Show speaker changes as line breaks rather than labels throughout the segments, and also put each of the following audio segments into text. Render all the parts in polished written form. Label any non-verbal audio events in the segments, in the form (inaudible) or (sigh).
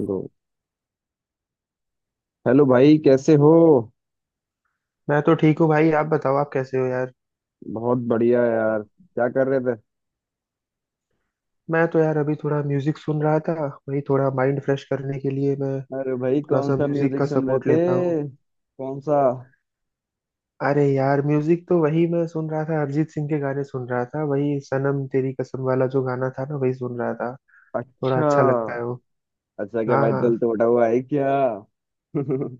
गो। Hello भाई, कैसे हो?
मैं तो ठीक हूँ भाई। आप बताओ, आप कैसे हो यार।
बहुत बढ़िया यार। क्या कर रहे थे?
मैं तो यार अभी थोड़ा म्यूजिक सुन रहा था। वही, थोड़ा माइंड फ्रेश करने के लिए मैं
अरे भाई,
थोड़ा
कौन
सा
सा
म्यूजिक
म्यूजिक
का
सुन रहे
सपोर्ट
थे?
लेता हूँ।
कौन सा?
अरे यार, म्यूजिक तो वही मैं सुन रहा था, अरिजीत सिंह के गाने सुन रहा था। वही सनम तेरी कसम वाला जो गाना था ना, वही सुन रहा था। थोड़ा
अच्छा।
अच्छा लगता है वो।
अच्छा, क्या
हाँ
भाई,
हाँ।
दिल टूटा हुआ है क्या? (laughs)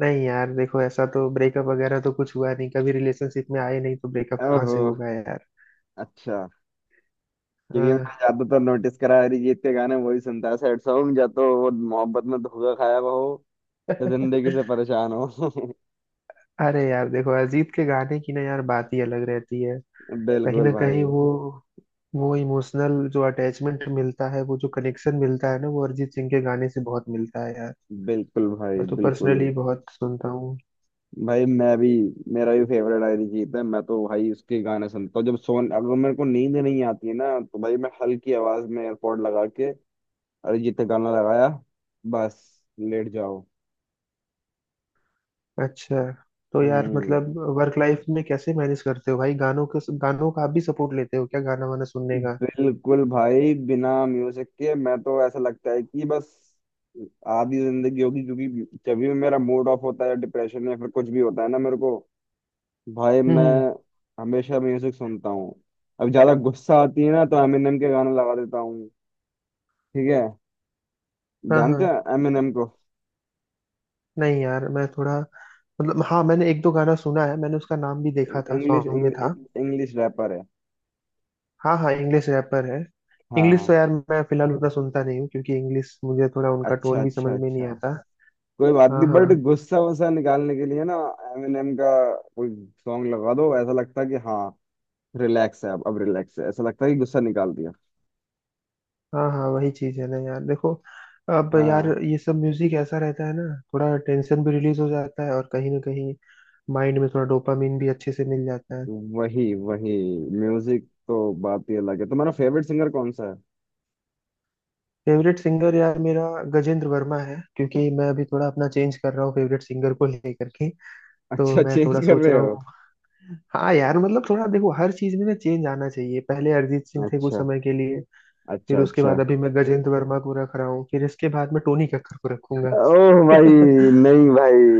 नहीं यार देखो, ऐसा तो ब्रेकअप वगैरह तो कुछ हुआ नहीं, कभी रिलेशनशिप में आए नहीं तो ब्रेकअप कहाँ
ओहो।
से होगा यार।
अच्छा, क्योंकि मैंने
हाँ
ज्यादातर नोटिस करा है, अरिजीत के गाने वही सुनता है सैड सॉन्ग, या तो वो मोहब्बत में धोखा खाया हुआ हो या जिंदगी से
(laughs)
परेशान हो। (laughs)
अरे यार देखो, अरिजीत के गाने की ना यार बात ही अलग रहती है। कहीं
बिल्कुल
ना कहीं
भाई,
वो इमोशनल जो अटैचमेंट मिलता है, वो जो कनेक्शन मिलता है ना, वो अरिजीत सिंह के गाने से बहुत मिलता है यार।
बिल्कुल। भाई,
मैं तो
बिल्कुल
पर्सनली बहुत सुनता हूँ।
भाई, मैं भी। मेरा भी फेवरेट अरिजीत है। मैं तो भाई उसके गाने सुनता हूँ, जब सोन अगर मेरे को नींद नहीं आती है ना, तो भाई मैं हल्की आवाज में एयरपॉड लगा के अरिजीत का गाना लगाया, बस लेट जाओ।
अच्छा, तो यार
हम्म।
मतलब वर्क लाइफ में कैसे मैनेज करते हो भाई, गानों के गानों का आप भी सपोर्ट लेते हो क्या, गाना वाना सुनने का?
बिल्कुल भाई, बिना म्यूजिक के मैं तो ऐसा लगता है कि बस आधी जिंदगी होगी। क्योंकि जब भी मेरा मूड ऑफ होता है, डिप्रेशन या फिर कुछ भी होता है ना मेरे को, भाई मैं
हम्म।
हमेशा म्यूजिक सुनता हूँ। अब ज्यादा गुस्सा आती है ना तो एमिनेम के गाने लगा देता हूँ। ठीक है।
हाँ
जानते
हाँ।
हो एमिनेम को?
नहीं यार मैं थोड़ा, मतलब हाँ, मैंने एक दो गाना सुना है, मैंने उसका नाम भी देखा था
इंग्लिश
सॉन्ग में था।
इंग्लिश रैपर है।
हाँ हाँ, इंग्लिश रैपर है।
हाँ
इंग्लिश तो
हाँ।
यार मैं फिलहाल उतना सुनता नहीं हूँ, क्योंकि इंग्लिश मुझे थोड़ा, उनका
अच्छा
टोन भी
अच्छा
समझ में
अच्छा।
नहीं आता।
कोई बात
हाँ
नहीं, बट
हाँ
गुस्सा वुस्सा निकालने के लिए ना एमिनेम का कोई सॉन्ग लगा दो, ऐसा लगता है कि हाँ, रिलैक्स है। अब रिलैक्स है, ऐसा लगता है कि गुस्सा निकाल दिया।
हाँ हाँ, वही चीज है ना यार देखो। अब यार
हाँ,
ये सब म्यूजिक ऐसा रहता है ना, थोड़ा टेंशन भी रिलीज हो जाता है और कहीं ना कहीं माइंड में थोड़ा डोपामिन भी अच्छे से मिल जाता है।
वही वही। म्यूजिक तो बात ही अलग है। तुम्हारा फेवरेट सिंगर कौन सा है?
फेवरेट सिंगर यार मेरा गजेंद्र वर्मा है, क्योंकि मैं अभी थोड़ा अपना चेंज कर रहा हूँ फेवरेट सिंगर को लेकर के। तो
अच्छा,
मैं
चेंज
थोड़ा
कर
सोच
रहे
रहा
हो?
हूँ। हाँ यार, मतलब थोड़ा देखो हर चीज में ना चेंज आना चाहिए। पहले अरिजीत सिंह थे कुछ
अच्छा
समय के लिए,
अच्छा
फिर उसके
अच्छा।
बाद अभी मैं गजेंद्र वर्मा को रख रहा हूँ, फिर इसके बाद मैं टोनी कक्कर को रखूंगा
ओह भाई।
(laughs)
नहीं भाई,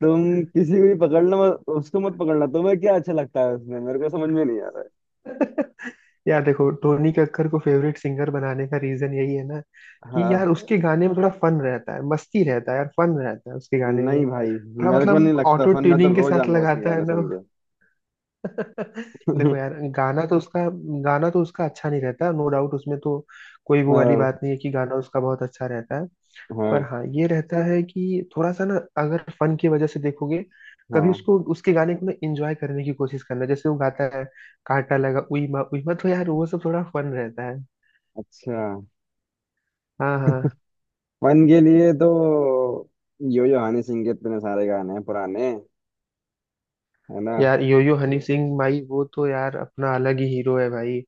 तुम किसी को भी पकड़ना, मत उसको मत पकड़ना। तुम्हें क्या अच्छा लगता है उसमें, मेरे को समझ में नहीं आ रहा
(laughs) यार देखो, टोनी कक्कर को फेवरेट सिंगर बनाने का रीजन यही है ना
है। हाँ।
कि यार उसके गाने में थोड़ा फन रहता है, मस्ती रहता है यार, फन रहता है उसके गाने में।
नहीं भाई,
थोड़ा
मेरे को नहीं
मतलब
लगता
ऑटो
फन। मैं तो
ट्यूनिंग के
रोज
साथ
आऊंगा उसके
लगाता है
गाने
ना।
सुन के।
देखो यार
(laughs)
गाना तो उसका अच्छा नहीं रहता, नो डाउट उसमें तो कोई वो वाली
हाँ
बात नहीं है कि गाना उसका बहुत अच्छा रहता है। पर
हाँ
हाँ, ये रहता है कि थोड़ा सा ना, अगर फन की वजह से देखोगे, कभी
हाँ।
उसको, उसके गाने को ना इंजॉय करने की कोशिश करना। जैसे वो गाता है, कांटा लगा उई माँ उई माँ, तो यार वो सब थोड़ा फन रहता है।
अच्छा।
हाँ हाँ।
फन के लिए तो यो यो हनी सिंह के इतने सारे गाने हैं पुराने, है ना।
यार योयो हनी सिंह भाई, वो तो यार अपना अलग ही हीरो है भाई।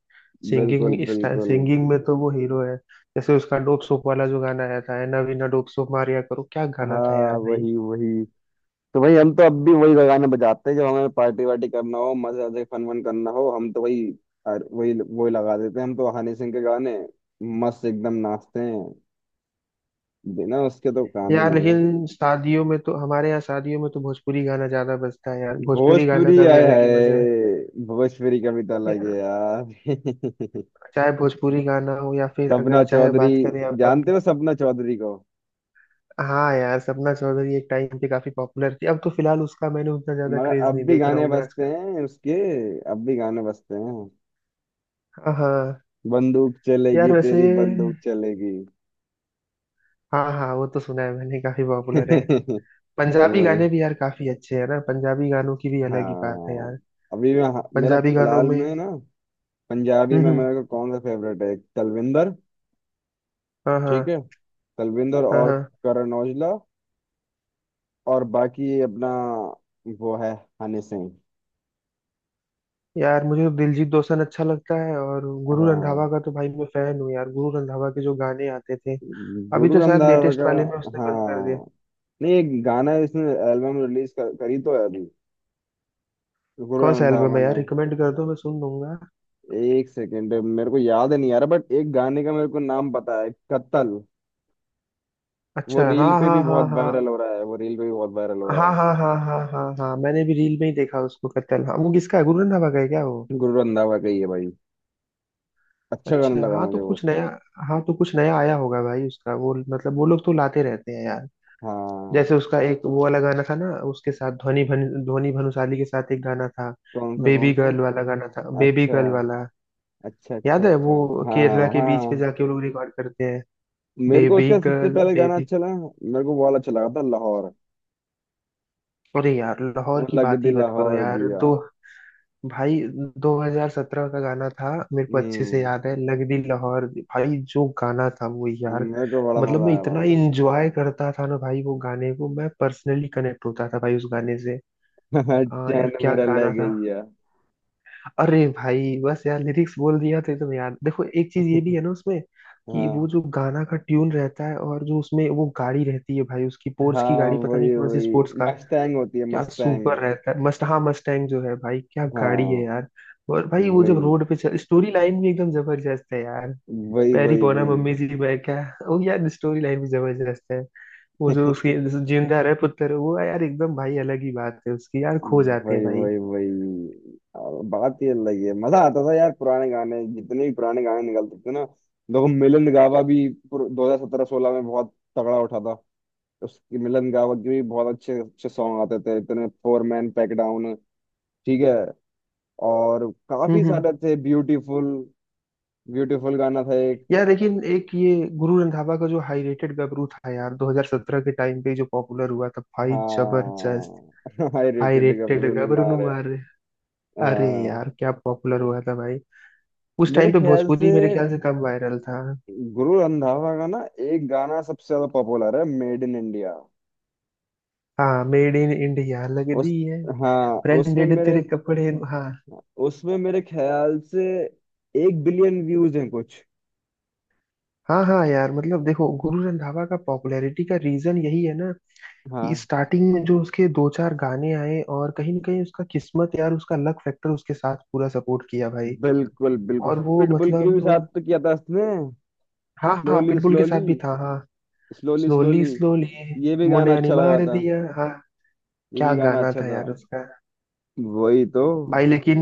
बिल्कुल
सिंगिंग
बिल्कुल।
सिंगिंग में तो वो हीरो है। जैसे उसका डोप सोप वाला जो गाना आया था है ना, बिना डोप सोप मारिया करो, क्या गाना था
हाँ,
यार भाई।
वही वही। तो भाई हम तो अब भी वही गाने बजाते हैं, जब हमें पार्टी वार्टी करना हो, मजे मजे फन वन करना हो, हम तो वही वही वही लगा देते हैं। हम तो हनी सिंह के गाने मस्त एकदम नाचते हैं। बिना उसके तो काम ही
यार
नहीं है।
लेकिन शादियों में तो हमारे यहाँ शादियों में तो भोजपुरी गाना ज्यादा बजता है यार, भोजपुरी गाना
भोजपुरी
का भी
आए
अलग ही मजा है
है, भोजपुरी कविता
यार।
लगे यार। (laughs)
चाहे भोजपुरी गाना हो या फिर
सपना
अगर चाहे
चौधरी।
बात करें अपन।
जानते हो सपना चौधरी को?
हाँ यार, सपना चौधरी एक टाइम पे काफी पॉपुलर थी, अब तो फिलहाल उसका मैंने उतना ज्यादा
मगर
क्रेज
अब
नहीं
भी
देख रहा
गाने
हूँ मैं
बजते
आजकल।
हैं उसके। अब भी गाने बजते हैं।
हाँ हाँ
बंदूक चलेगी,
यार वैसे,
तेरी बंदूक चलेगी।
हाँ हाँ, वो तो सुना है मैंने, काफी पॉपुलर है।
(laughs)
पंजाबी
वही।
गाने भी यार काफी अच्छे हैं ना, पंजाबी गानों की भी अलग ही बात है
हाँ,
यार।
अभी मैं, मेरा
पंजाबी गानों
फिलहाल
में।
में ना पंजाबी
हम्म
में
हम्म,
मेरे को कौन सा फेवरेट है, एक तलविंदर।
हाँ
ठीक
हाँ
है। तलविंदर
हाँ
और
हाँ।
करण औजला और बाकी ये अपना वो है, हनी सिंह।
यार मुझे तो दिलजीत दोसांझ अच्छा लगता है, और गुरु
हाँ,
रंधावा का तो भाई मैं फैन हूँ यार, गुरु रंधावा के जो गाने आते थे। अभी
गुरु
तो शायद
रंधावा
लेटेस्ट
का।
वाले में उसने बंद कर दिया।
हाँ, नहीं, एक गाना इसने एल्बम रिलीज करी तो है अभी, गुरु
कौन सा एल्बम
रंधावा
है यार,
ने।
रिकमेंड कर दो, मैं सुन लूंगा।
एक सेकेंड, मेरे को याद नहीं आ रहा, बट एक गाने का मेरे को नाम पता है, कत्ल। वो
अच्छा हाँ
रील पे भी
हाँ हाँ
बहुत
हाँ
वायरल हो रहा है, वो रील पे भी बहुत वायरल हो रहा
हाँ
है।
हाँ हाँ हाँ हाँ हाँ, मैंने भी रील में ही देखा उसको, कत्ल, हाँ। वो किसका है, गुरु रंधावा का है क्या वो?
गुरु रंधावा का ही है भाई। अच्छा
अच्छा
गाना लगा
हाँ,
मुझे
तो
वो
कुछ
उसका।
नया, हाँ तो कुछ नया आया होगा भाई उसका। वो मतलब वो लोग तो लाते रहते हैं यार।
हाँ।
जैसे उसका एक वो वाला गाना था ना उसके साथ, ध्वनि भानुशाली के साथ एक गाना था।
कौन सा
बेबी
कौन सा?
गर्ल वाला गाना था, बेबी
अच्छा
गर्ल वाला।
अच्छा अच्छा।
याद है
अच्छा।
वो,
हाँ
केरला
हाँ
के बीच पे
हाँ।
जाके वो लोग रिकॉर्ड करते हैं।
मेरे को
बेबी
उसका सबसे
गर्ल
पहले गाना
बेबी।
अच्छा लगा। मेरे को वो वाला अच्छा लगा था, लाहौर।
अरे यार लाहौर
वो
की
लग
बात
दी
ही मत करो
लाहौर
यार।
दिया।
दो भाई, 2017 का गाना था, मेरे को अच्छे से
हम्म।
याद है लग दी लाहौर भाई, जो गाना था वो यार।
मेरे को बड़ा
मतलब
मजा
मैं
आया।
इतना इंजॉय करता था ना भाई वो गाने को, मैं पर्सनली कनेक्ट होता था भाई उस गाने से।
था (laughs) चैन
यार क्या
मेरा ले
गाना था।
गई है।
अरे भाई, बस यार लिरिक्स बोल दिया तो एकदम याद। देखो एक चीज ये भी है ना उसमें कि वो
हाँ
जो गाना का ट्यून रहता है, और जो उसमें वो गाड़ी रहती है भाई, उसकी पोर्स
हाँ,
की गाड़ी, पता नहीं
वही
कौन सी
वही।
Sports car.
मस्टैंग होती है,
क्या सुपर
मस्टैंग।
रहता है, मस्ट हाँ मस्टैंग जो है भाई, क्या गाड़ी है
हाँ,
यार। और भाई वो जब
वही
रोड पे चल, स्टोरी लाइन भी एकदम जबरदस्त है यार।
वही
पैरी
वही
पोना
वही।
मम्मी जी, मैं क्या। वो यार स्टोरी लाइन भी जबरदस्त है। वो जो उसके
(laughs)
जो जिंदा रहे पुत्र, वो यार एकदम भाई अलग ही बात है उसकी यार, खो जाते हैं
वही
भाई।
वही वही। अब बात ही अलग है। मजा आता था यार पुराने गाने, जितने भी पुराने गाने निकलते थे ना। देखो, मिलन गावा भी 2017 2016 में बहुत तगड़ा उठा था। उसकी मिलन गावा के भी बहुत अच्छे अच्छे सॉन्ग आते थे, इतने फोर मैन पैक डाउन। ठीक है। और काफी
हम्म।
सारे थे ब्यूटीफुल। ब्यूटीफुल गाना था एक।
यार लेकिन एक ये गुरु रंधावा का जो हाई रेटेड गबरू था यार, 2017 के टाइम पे जो पॉपुलर हुआ था भाई, जबरदस्त।
हाँ। (laughs) हाई
हाई
रेटेड
रेटेड
गबरू ने
गबरू नु
मारे।
मार। अरे
हाँ,
यार क्या पॉपुलर हुआ था भाई। उस टाइम
मेरे
पे
ख्याल
भोजपुरी
से
मेरे ख्याल से तब वायरल था।
गुरु रंधावा का ना एक गाना सबसे ज्यादा पॉपुलर है, मेड इन इंडिया।
हाँ, मेड इन इंडिया, लग दी
उस,
है,
हाँ उसमें
ब्रांडेड
मेरे,
तेरे कपड़े, हाँ।
उसमें मेरे ख्याल से 1 बिलियन व्यूज हैं कुछ।
हाँ हाँ यार, मतलब देखो गुरु रंधावा का पॉपुलैरिटी का रीजन यही है ना कि
हाँ,
स्टार्टिंग में जो उसके दो चार गाने आए, और कहीं ना कहीं उसका किस्मत यार, उसका लक फैक्टर उसके साथ पूरा सपोर्ट किया भाई।
बिल्कुल
और
बिल्कुल।
वो
पिटबुल के भी साथ
मतलब,
तो किया था उसने।
हाँ हाँ
स्लोली
पिटबुल के साथ
स्लोली,
भी था हाँ।
Slowly
slowly
slowly.
स्लोली,
ये भी गाना
मुंडिया ने
अच्छा लगा
मार
था।
दिया हाँ।
ये
क्या
भी गाना
गाना
अच्छा
था
था।
यार उसका।
वही तो।
भाई लेकिन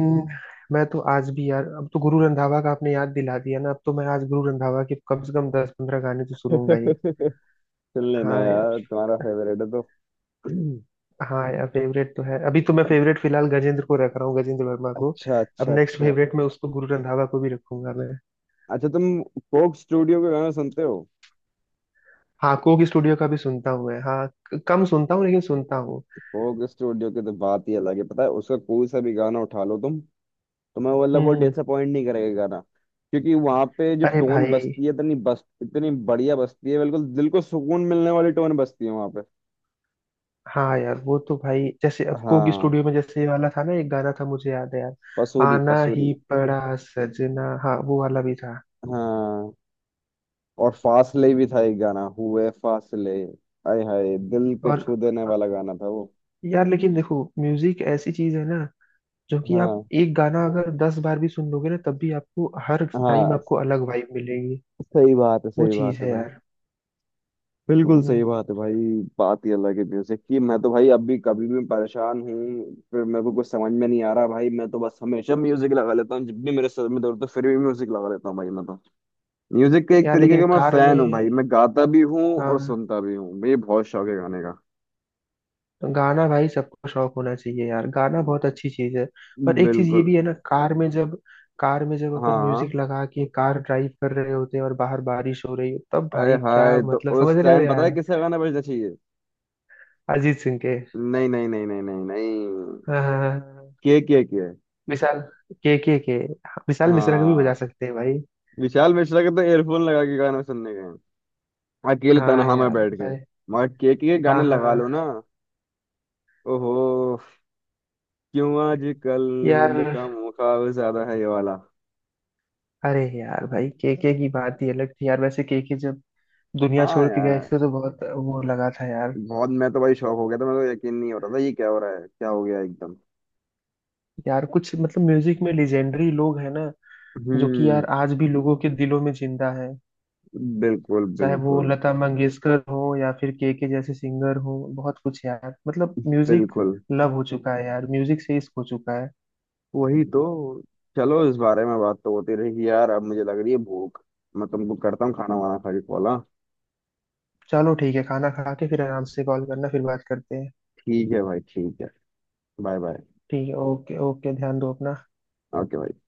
मैं तो आज भी यार, अब तो गुरु रंधावा का आपने याद दिला दिया ना, अब तो मैं आज गुरु रंधावा के कम से कम 10 15 गाने तो सुनूंगा ही।
(laughs) सुन लेना
हाँ यार।
यार, तुम्हारा फेवरेट है तो। (clears throat)
हाँ यार फेवरेट तो है, अभी तो मैं फेवरेट फिलहाल गजेंद्र को रख रहा हूँ, गजेंद्र वर्मा को।
अच्छा
अब
अच्छा
नेक्स्ट
अच्छा।
फेवरेट में उसको गुरु रंधावा को भी रखूंगा मैं।
अच्छा, तुम कोक स्टूडियो के गाना सुनते हो?
हाँ कोक स्टूडियो का भी सुनता हूँ मैं, हाँ, कम सुनता हूँ लेकिन सुनता हूँ।
कोक स्टूडियो की तो बात ही अलग है। पता है, उसका कोई सा भी गाना उठा लो तुम, तो मैं मतलब वो
हम्म।
डिसअपॉइंट नहीं करेगा गाना। क्योंकि वहां पे जो
अरे
टोन
भाई,
बजती है, इतनी बस इतनी बढ़िया बजती है, बिल्कुल दिल को सुकून मिलने वाली टोन बजती है वहां पे।
हाँ यार वो तो भाई जैसे अब कोक
हाँ,
स्टूडियो में जैसे ये वाला था ना, एक गाना था मुझे याद है यार,
पसूरी
आना
पसूरी।
ही पड़ा सजना, हाँ वो वाला भी था।
हाँ। और फासले भी था, एक गाना हुए फासले। आय हाय, दिल को
और
छू देने वाला गाना था वो।
यार लेकिन देखो, म्यूजिक ऐसी चीज है ना, जो कि आप
हाँ
एक गाना अगर दस बार भी सुन लोगे ना, तब भी आपको हर टाइम
हाँ।
आपको अलग वाइब मिलेगी।
सही बात है,
वो
सही
चीज
बात है
है
भाई।
यार।
बिल्कुल
हम्म।
सही बात है भाई। बात ही अलग है म्यूजिक की। मैं तो भाई अभी कभी भी परेशान हूँ, फिर मेरे को कुछ समझ में नहीं आ रहा, भाई मैं तो बस हमेशा म्यूजिक लगा लेता हूँ। जब भी मेरे सर में दर्द हो, फिर भी म्यूजिक लगा लेता हूँ भाई मैं तो। म्यूजिक का एक
यार
तरीके
लेकिन
का मैं
कार में,
फैन हूँ भाई, मैं गाता भी हूँ
हाँ
और सुनता भी हूँ। मुझे बहुत शौक है गाने का।
तो गाना भाई सबको शौक होना चाहिए यार, गाना बहुत अच्छी चीज है। पर एक चीज ये
बिल्कुल।
भी है ना, कार में जब अपन म्यूजिक
हाँ।
लगा के कार ड्राइव कर रहे होते हैं और बाहर बारिश हो रही हो, तब
अरे
भाई क्या,
हाय, तो
मतलब समझ
उस
रहे हो
टाइम पता है
यार।
किसका गाना बजना चाहिए?
अरिजीत सिंह के।
नहीं नहीं नहीं, नहीं नहीं नहीं,
हाँ हाँ हाँ, हाँ।
के के के।
विशाल, के, विशाल मिश्रा को भी
हाँ।
बजा सकते हैं भाई।
विशाल मिश्रा के तो एयरफोन लगा के गाने सुनने गए, अकेले
हाँ
तन्हा में
यार
बैठ के।
भाई।
मगर के
हाँ
गाने
हाँ
लगा लो
हाँ।
ना। ओहो। क्यों आजकल
यार
नींद का मुकाबला ज्यादा है ये वाला।
अरे यार भाई, के की बात ही अलग थी यार, वैसे के जब दुनिया
हाँ
छोड़ के गए
यार,
थे तो बहुत वो लगा था यार।
बहुत। मैं तो भाई शौक हो गया था, मेरे को यकीन नहीं हो रहा था, ये क्या हो रहा है, क्या हो गया एकदम।
यार कुछ मतलब म्यूजिक में लेजेंडरी लोग हैं ना, जो कि यार
हम्म।
आज भी लोगों के दिलों में जिंदा है।
बिल्कुल
चाहे वो
बिल्कुल।
लता मंगेशकर हो या फिर के जैसे सिंगर हो, बहुत कुछ यार, मतलब म्यूजिक
बिल्कुल,
लव हो चुका है यार, म्यूजिक से इश्क हो चुका है।
वही तो। चलो, इस बारे में बात तो होती रही यार, अब मुझे लग रही है भूख। मैं तुमको करता हूँ खाना वाना खा के कॉल, हाँ?
चलो ठीक है, खाना खा के फिर आराम से कॉल करना, फिर बात करते हैं।
ठीक है भाई, ठीक है। Bye bye.
ठीक है, ओके ओके, ध्यान दो अपना।
ओके भाई।